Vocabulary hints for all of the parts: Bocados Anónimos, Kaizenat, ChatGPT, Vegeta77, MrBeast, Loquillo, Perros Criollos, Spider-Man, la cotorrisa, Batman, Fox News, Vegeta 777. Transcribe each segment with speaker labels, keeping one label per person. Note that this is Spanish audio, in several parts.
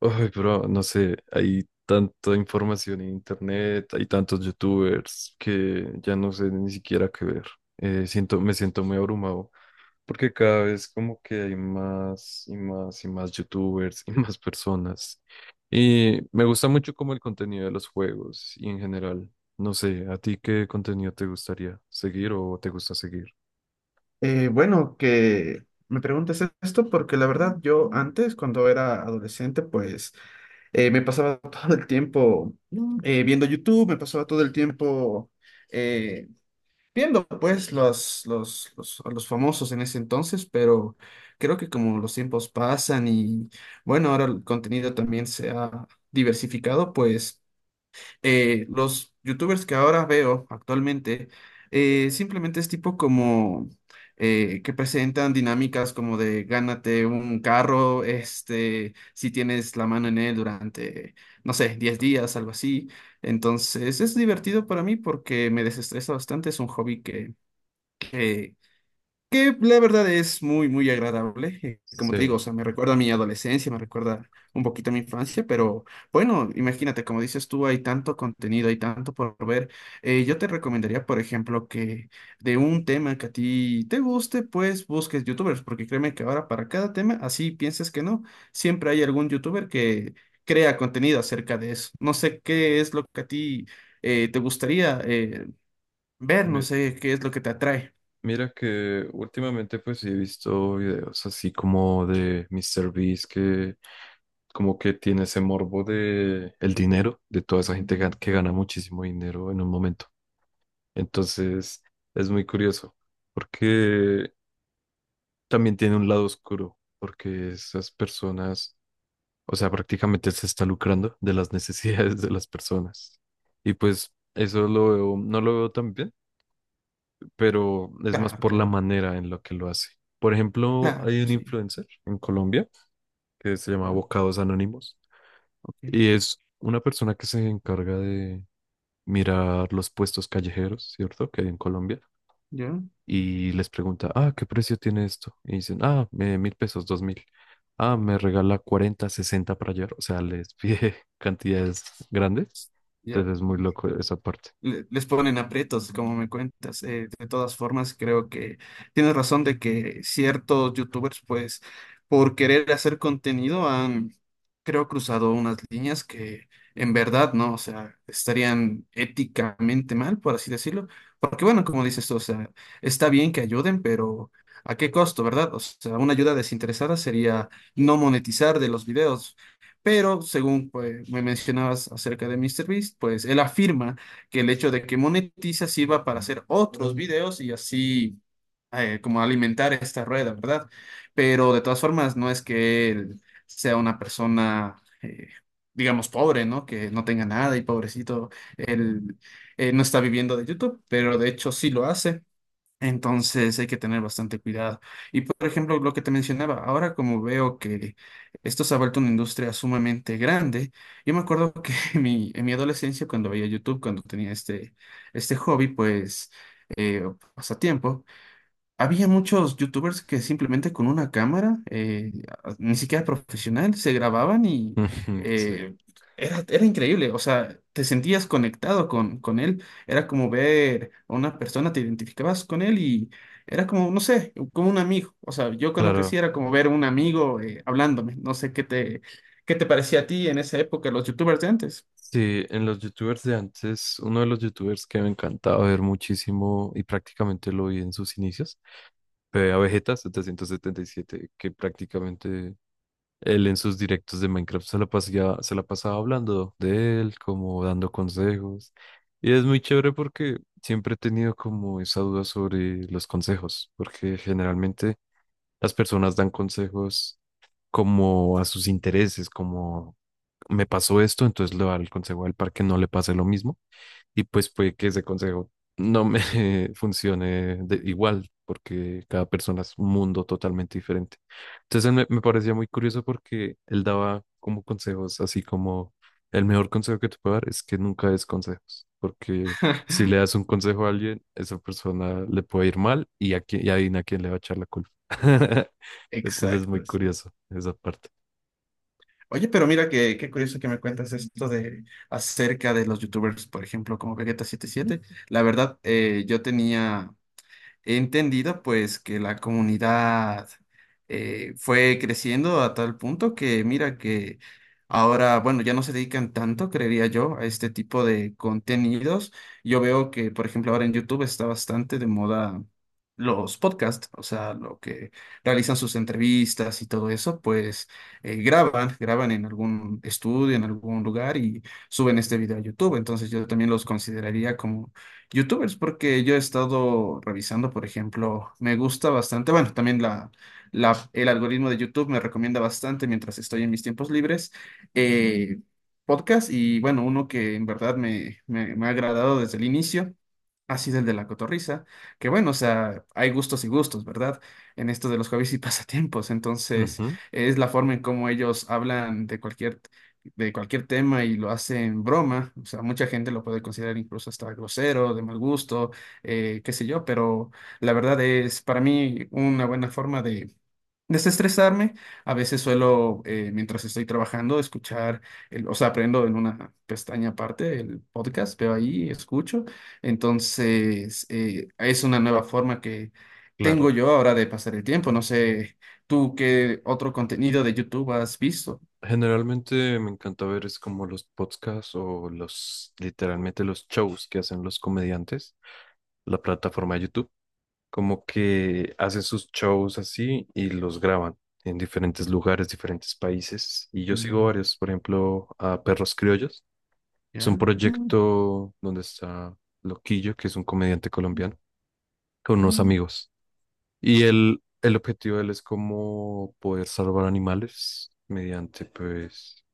Speaker 1: Ay, pero no sé, hay tanta información en internet, hay tantos youtubers que ya no sé ni siquiera qué ver. Me siento muy abrumado porque cada vez como que hay más y más y más youtubers y más personas. Y me gusta mucho como el contenido de los juegos y en general. No sé, ¿a ti qué contenido te gustaría seguir o te gusta seguir?
Speaker 2: Bueno, que me preguntes esto porque la verdad yo antes, cuando era adolescente, pues me pasaba todo el tiempo viendo YouTube, me pasaba todo el tiempo eh, viendo pues a los famosos en ese entonces, pero creo que como los tiempos pasan y bueno, ahora el contenido también se ha diversificado, pues los youtubers que ahora veo actualmente, simplemente es tipo como que presentan dinámicas como de gánate un carro, este, si tienes la mano en él durante, no sé, 10 días, algo así. Entonces es divertido para mí porque me desestresa bastante, es un hobby que la verdad es muy, muy agradable. Como te digo,
Speaker 1: Sí.
Speaker 2: o sea, me recuerda a mi adolescencia, me recuerda un poquito a mi infancia, pero bueno, imagínate, como dices tú, hay tanto contenido, hay tanto por ver. Yo te recomendaría, por ejemplo, que de un tema que a ti te guste, pues busques youtubers, porque créeme que ahora para cada tema, así pienses que no, siempre hay algún youtuber que crea contenido acerca de eso. No sé qué es lo que a ti te gustaría ver, no sé qué es lo que te atrae.
Speaker 1: Mira que últimamente pues sí he visto videos así como de MrBeast que como que tiene ese morbo de el dinero, de toda esa gente que gana muchísimo dinero en un momento. Entonces es muy curioso porque también tiene un lado oscuro porque esas personas, o sea, prácticamente se está lucrando de las necesidades de las personas. Y pues eso lo veo, no lo veo tan bien pero es más
Speaker 2: Claro,
Speaker 1: por la
Speaker 2: claro.
Speaker 1: manera en la que lo hace. Por ejemplo,
Speaker 2: Claro,
Speaker 1: hay un
Speaker 2: sí,
Speaker 1: influencer en Colombia que se llama
Speaker 2: ya,
Speaker 1: Bocados Anónimos
Speaker 2: ok,
Speaker 1: y es una persona que se encarga de mirar los puestos callejeros, ¿cierto? Que hay en Colombia
Speaker 2: ya,
Speaker 1: y les pregunta, ah, ¿qué precio tiene esto? Y dicen, ah, 1.000 pesos, 2.000. Ah, me regala 40, 60 para ayer. O sea, les pide cantidades grandes.
Speaker 2: ya,
Speaker 1: Entonces es muy loco esa parte.
Speaker 2: les ponen aprietos, como me cuentas. De todas formas, creo que tienes razón de que ciertos youtubers, pues, por querer hacer contenido, han, creo, cruzado unas líneas que en verdad, ¿no? O sea, estarían éticamente mal, por así decirlo. Porque, bueno, como dices tú, o sea, está bien que ayuden, pero ¿a qué costo, verdad? O sea, una ayuda desinteresada sería no monetizar de los videos. Pero según pues, me mencionabas acerca de MrBeast, pues él afirma que el hecho de que monetiza sirva para hacer otros videos y así como alimentar esta rueda, ¿verdad? Pero de todas formas, no es que él sea una persona, eh, digamos, pobre, ¿no? Que no tenga nada y pobrecito, él no está viviendo de YouTube, pero de hecho sí lo hace. Entonces hay que tener bastante cuidado. Y por ejemplo, lo que te mencionaba, ahora como veo que esto se ha vuelto una industria sumamente grande, yo me acuerdo que en mi adolescencia, cuando veía YouTube, cuando tenía este hobby, pues, o pasatiempo, había muchos youtubers que simplemente con una cámara, ni siquiera profesional, se grababan y
Speaker 1: Sí,
Speaker 2: eh, era increíble. O sea, te sentías conectado con él. Era como ver a una persona, te identificabas con él y era como, no sé, como un amigo. O sea, yo cuando crecí
Speaker 1: claro.
Speaker 2: era como ver a un amigo hablándome. No sé qué qué te parecía a ti en esa época, los youtubers de antes.
Speaker 1: Sí, en los youtubers de antes, uno de los youtubers que me encantaba ver muchísimo y prácticamente lo vi en sus inicios, fue a Vegeta 777, que prácticamente él en sus directos de Minecraft se la pasaba hablando de él, como dando consejos. Y es muy chévere porque siempre he tenido como esa duda sobre los consejos, porque generalmente las personas dan consejos como a sus intereses, como me pasó esto, entonces le va el consejo a él para que no le pase lo mismo y pues puede que ese consejo no me funcione de igual, porque cada persona es un mundo totalmente diferente. Entonces él me parecía muy curioso porque él daba como consejos, así como el mejor consejo que te puedo dar es que nunca des consejos, porque si le das un consejo a alguien, esa persona le puede ir mal y a quién, y adivina a quién le va a echar la culpa. Entonces es muy
Speaker 2: Exacto.
Speaker 1: curioso esa parte.
Speaker 2: Oye, pero mira que, qué curioso que me cuentas esto de acerca de los youtubers, por ejemplo, como Vegeta77. La verdad, yo tenía he entendido pues que la comunidad fue creciendo a tal punto que mira que ahora, bueno, ya no se dedican tanto, creería yo, a este tipo de contenidos. Yo veo que, por ejemplo, ahora en YouTube está bastante de moda los podcasts, o sea, lo que realizan sus entrevistas y todo eso, pues graban en algún estudio, en algún lugar y suben este video a YouTube. Entonces yo también los consideraría como youtubers, porque yo he estado revisando, por ejemplo, me gusta bastante, bueno, también el algoritmo de YouTube me recomienda bastante mientras estoy en mis tiempos libres, eh, podcast y bueno, uno que en verdad me ha agradado desde el inicio. Ha sido el de la cotorrisa, que bueno, o sea, hay gustos y gustos, ¿verdad? En esto de los hobbies y pasatiempos, entonces
Speaker 1: Ujú,
Speaker 2: es la forma en cómo ellos hablan de cualquier tema y lo hace en broma, o sea, mucha gente lo puede considerar incluso hasta grosero, de mal gusto, qué sé yo, pero la verdad es para mí una buena forma de desestresarme. A veces suelo, mientras estoy trabajando, escuchar, o sea, aprendo en una pestaña aparte el podcast, veo ahí, escucho. Entonces, es una nueva forma que tengo
Speaker 1: claro.
Speaker 2: yo ahora de pasar el tiempo. No sé, ¿tú qué otro contenido de YouTube has visto?
Speaker 1: Generalmente me encanta ver es como los podcasts o los, literalmente los shows que hacen los comediantes, la plataforma de YouTube, como que hacen sus shows así y los graban en diferentes lugares, diferentes países. Y yo sigo varios, por ejemplo, a Perros Criollos. Es un
Speaker 2: ¿Ya? Mm,
Speaker 1: proyecto donde está Loquillo, que es un comediante colombiano, con unos
Speaker 2: mm.
Speaker 1: amigos. Y él, el objetivo de él es como poder salvar animales mediante, pues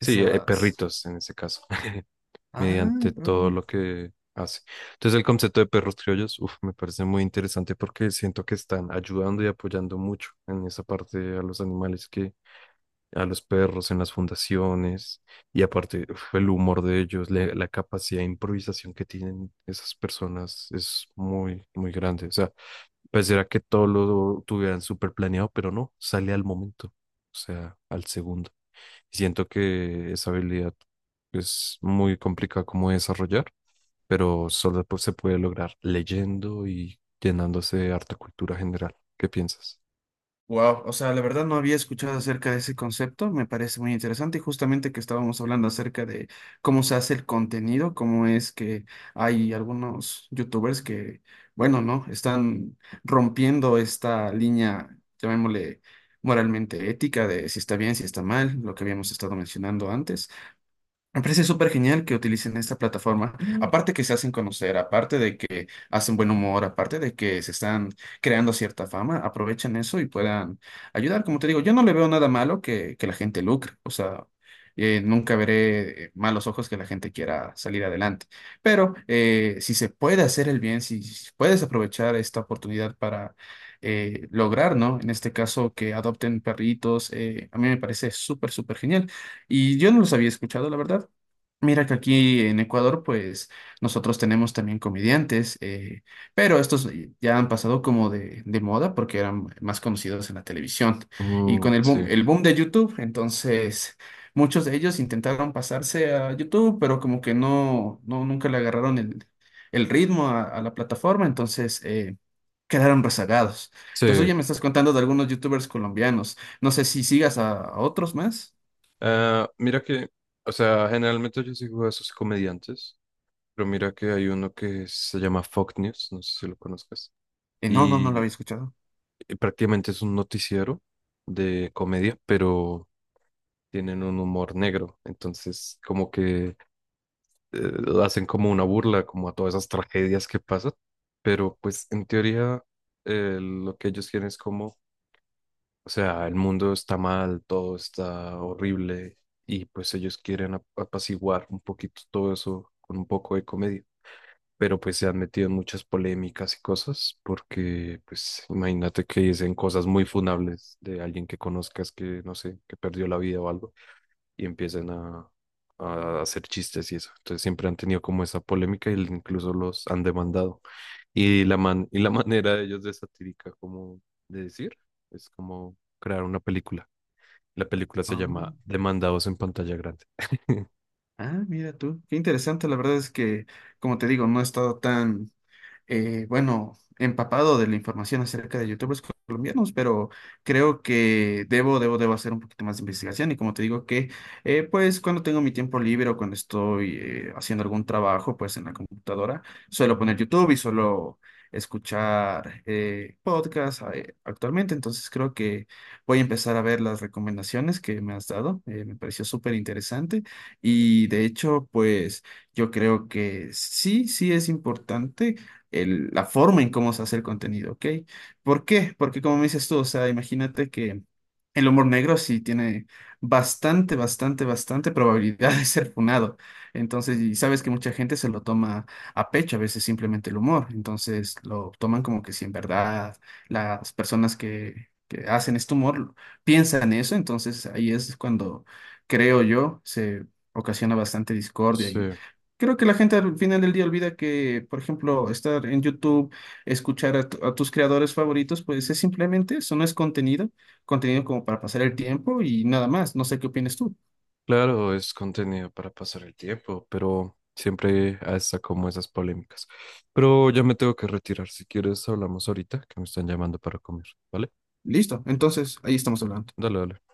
Speaker 1: sí, perritos en ese caso,
Speaker 2: Ah,
Speaker 1: mediante todo lo que hace. Entonces el concepto de perros criollos, uf, me parece muy interesante porque siento que están ayudando y apoyando mucho en esa parte a los animales que a los perros en las fundaciones y aparte uf, el humor de ellos, la capacidad de improvisación que tienen esas personas es muy, muy grande. O sea, pareciera que todo lo tuvieran súper planeado, pero no, sale al momento, o sea, al segundo. Siento que esa habilidad es muy complicada como de desarrollar, pero solo pues, se puede lograr leyendo y llenándose de harta cultura general. ¿Qué piensas?
Speaker 2: wow, o sea, la verdad no había escuchado acerca de ese concepto, me parece muy interesante y justamente que estábamos hablando acerca de cómo se hace el contenido, cómo es que hay algunos youtubers que, bueno, ¿no? Están rompiendo esta línea, llamémosle moralmente ética de si está bien, si está mal, lo que habíamos estado mencionando antes. Me parece súper genial que utilicen esta plataforma. Mm. Aparte que se hacen conocer, aparte de que hacen buen humor, aparte de que se están creando cierta fama, aprovechan eso y puedan ayudar. Como te digo, yo no le veo nada malo que la gente lucre. O sea, nunca veré malos ojos que la gente quiera salir adelante. Pero si se puede hacer el bien, si puedes aprovechar esta oportunidad para lograr, ¿no? En este caso, que adopten perritos, a mí me parece súper, súper genial. Y yo no los había escuchado, la verdad. Mira que aquí en Ecuador, pues nosotros tenemos también comediantes, pero estos ya han pasado como de moda porque eran más conocidos en la televisión. Y
Speaker 1: Mm,
Speaker 2: con
Speaker 1: sí,
Speaker 2: el boom de YouTube, entonces muchos de ellos intentaron pasarse a YouTube, pero como que no, nunca le agarraron el ritmo a la plataforma, entonces quedaron rezagados. Entonces,
Speaker 1: sí.
Speaker 2: oye, me estás contando de algunos YouTubers colombianos. No sé si sigas a otros más.
Speaker 1: Ah, mira que, o sea, generalmente yo sigo a esos comediantes, pero mira que hay uno que se llama Fox News, no sé si lo conozcas,
Speaker 2: No, no, no la
Speaker 1: y,
Speaker 2: había escuchado.
Speaker 1: y prácticamente es un noticiero de comedia, pero tienen un humor negro, entonces como que eh, hacen como una burla, como a todas esas tragedias que pasan, pero pues en teoría lo que ellos quieren es como, o sea, el mundo está mal, todo está horrible y pues ellos quieren apaciguar un poquito todo eso con un poco de comedia. Pero pues se han metido en muchas polémicas y cosas, porque pues imagínate que dicen cosas muy funables de alguien que conozcas que, no sé, que perdió la vida o algo y empiezan a, hacer chistes y eso. Entonces siempre han tenido como esa polémica y incluso los han demandado. Y la man, y la manera de ellos de satírica como de decir es como crear una película. La película se
Speaker 2: Ah,
Speaker 1: llama Demandados en pantalla grande.
Speaker 2: ah, mira tú. Qué interesante. La verdad es que, como te digo, no he estado tan, bueno, empapado de la información acerca de youtubers colombianos, pero creo que debo hacer un poquito más de investigación y como te digo que, pues cuando tengo mi tiempo libre o cuando estoy haciendo algún trabajo, pues en la computadora, suelo poner YouTube y suelo escuchar podcasts actualmente, entonces creo que voy a empezar a ver las recomendaciones que me has dado, me pareció súper interesante y de hecho, pues yo creo que sí, sí es importante la forma en cómo se hace el contenido, ¿ok? ¿Por qué? Porque como me dices tú, o sea, imagínate que el humor negro sí tiene bastante, bastante, bastante probabilidad de ser funado. Entonces, y sabes que mucha gente se lo toma a pecho, a veces simplemente el humor. Entonces, lo toman como que si en verdad las personas que hacen este humor piensan eso, entonces ahí es cuando, creo yo, se ocasiona bastante discordia
Speaker 1: Sí,
Speaker 2: y creo que la gente al final del día olvida que, por ejemplo, estar en YouTube, escuchar a tus creadores favoritos, pues es simplemente eso, no es contenido, contenido como para pasar el tiempo y nada más. No sé qué opinas tú.
Speaker 1: claro, es contenido para pasar el tiempo, pero siempre hasta como esas polémicas. Pero ya me tengo que retirar. Si quieres, hablamos ahorita, que me están llamando para comer, ¿vale?
Speaker 2: Listo, entonces ahí estamos hablando.
Speaker 1: Dale, dale.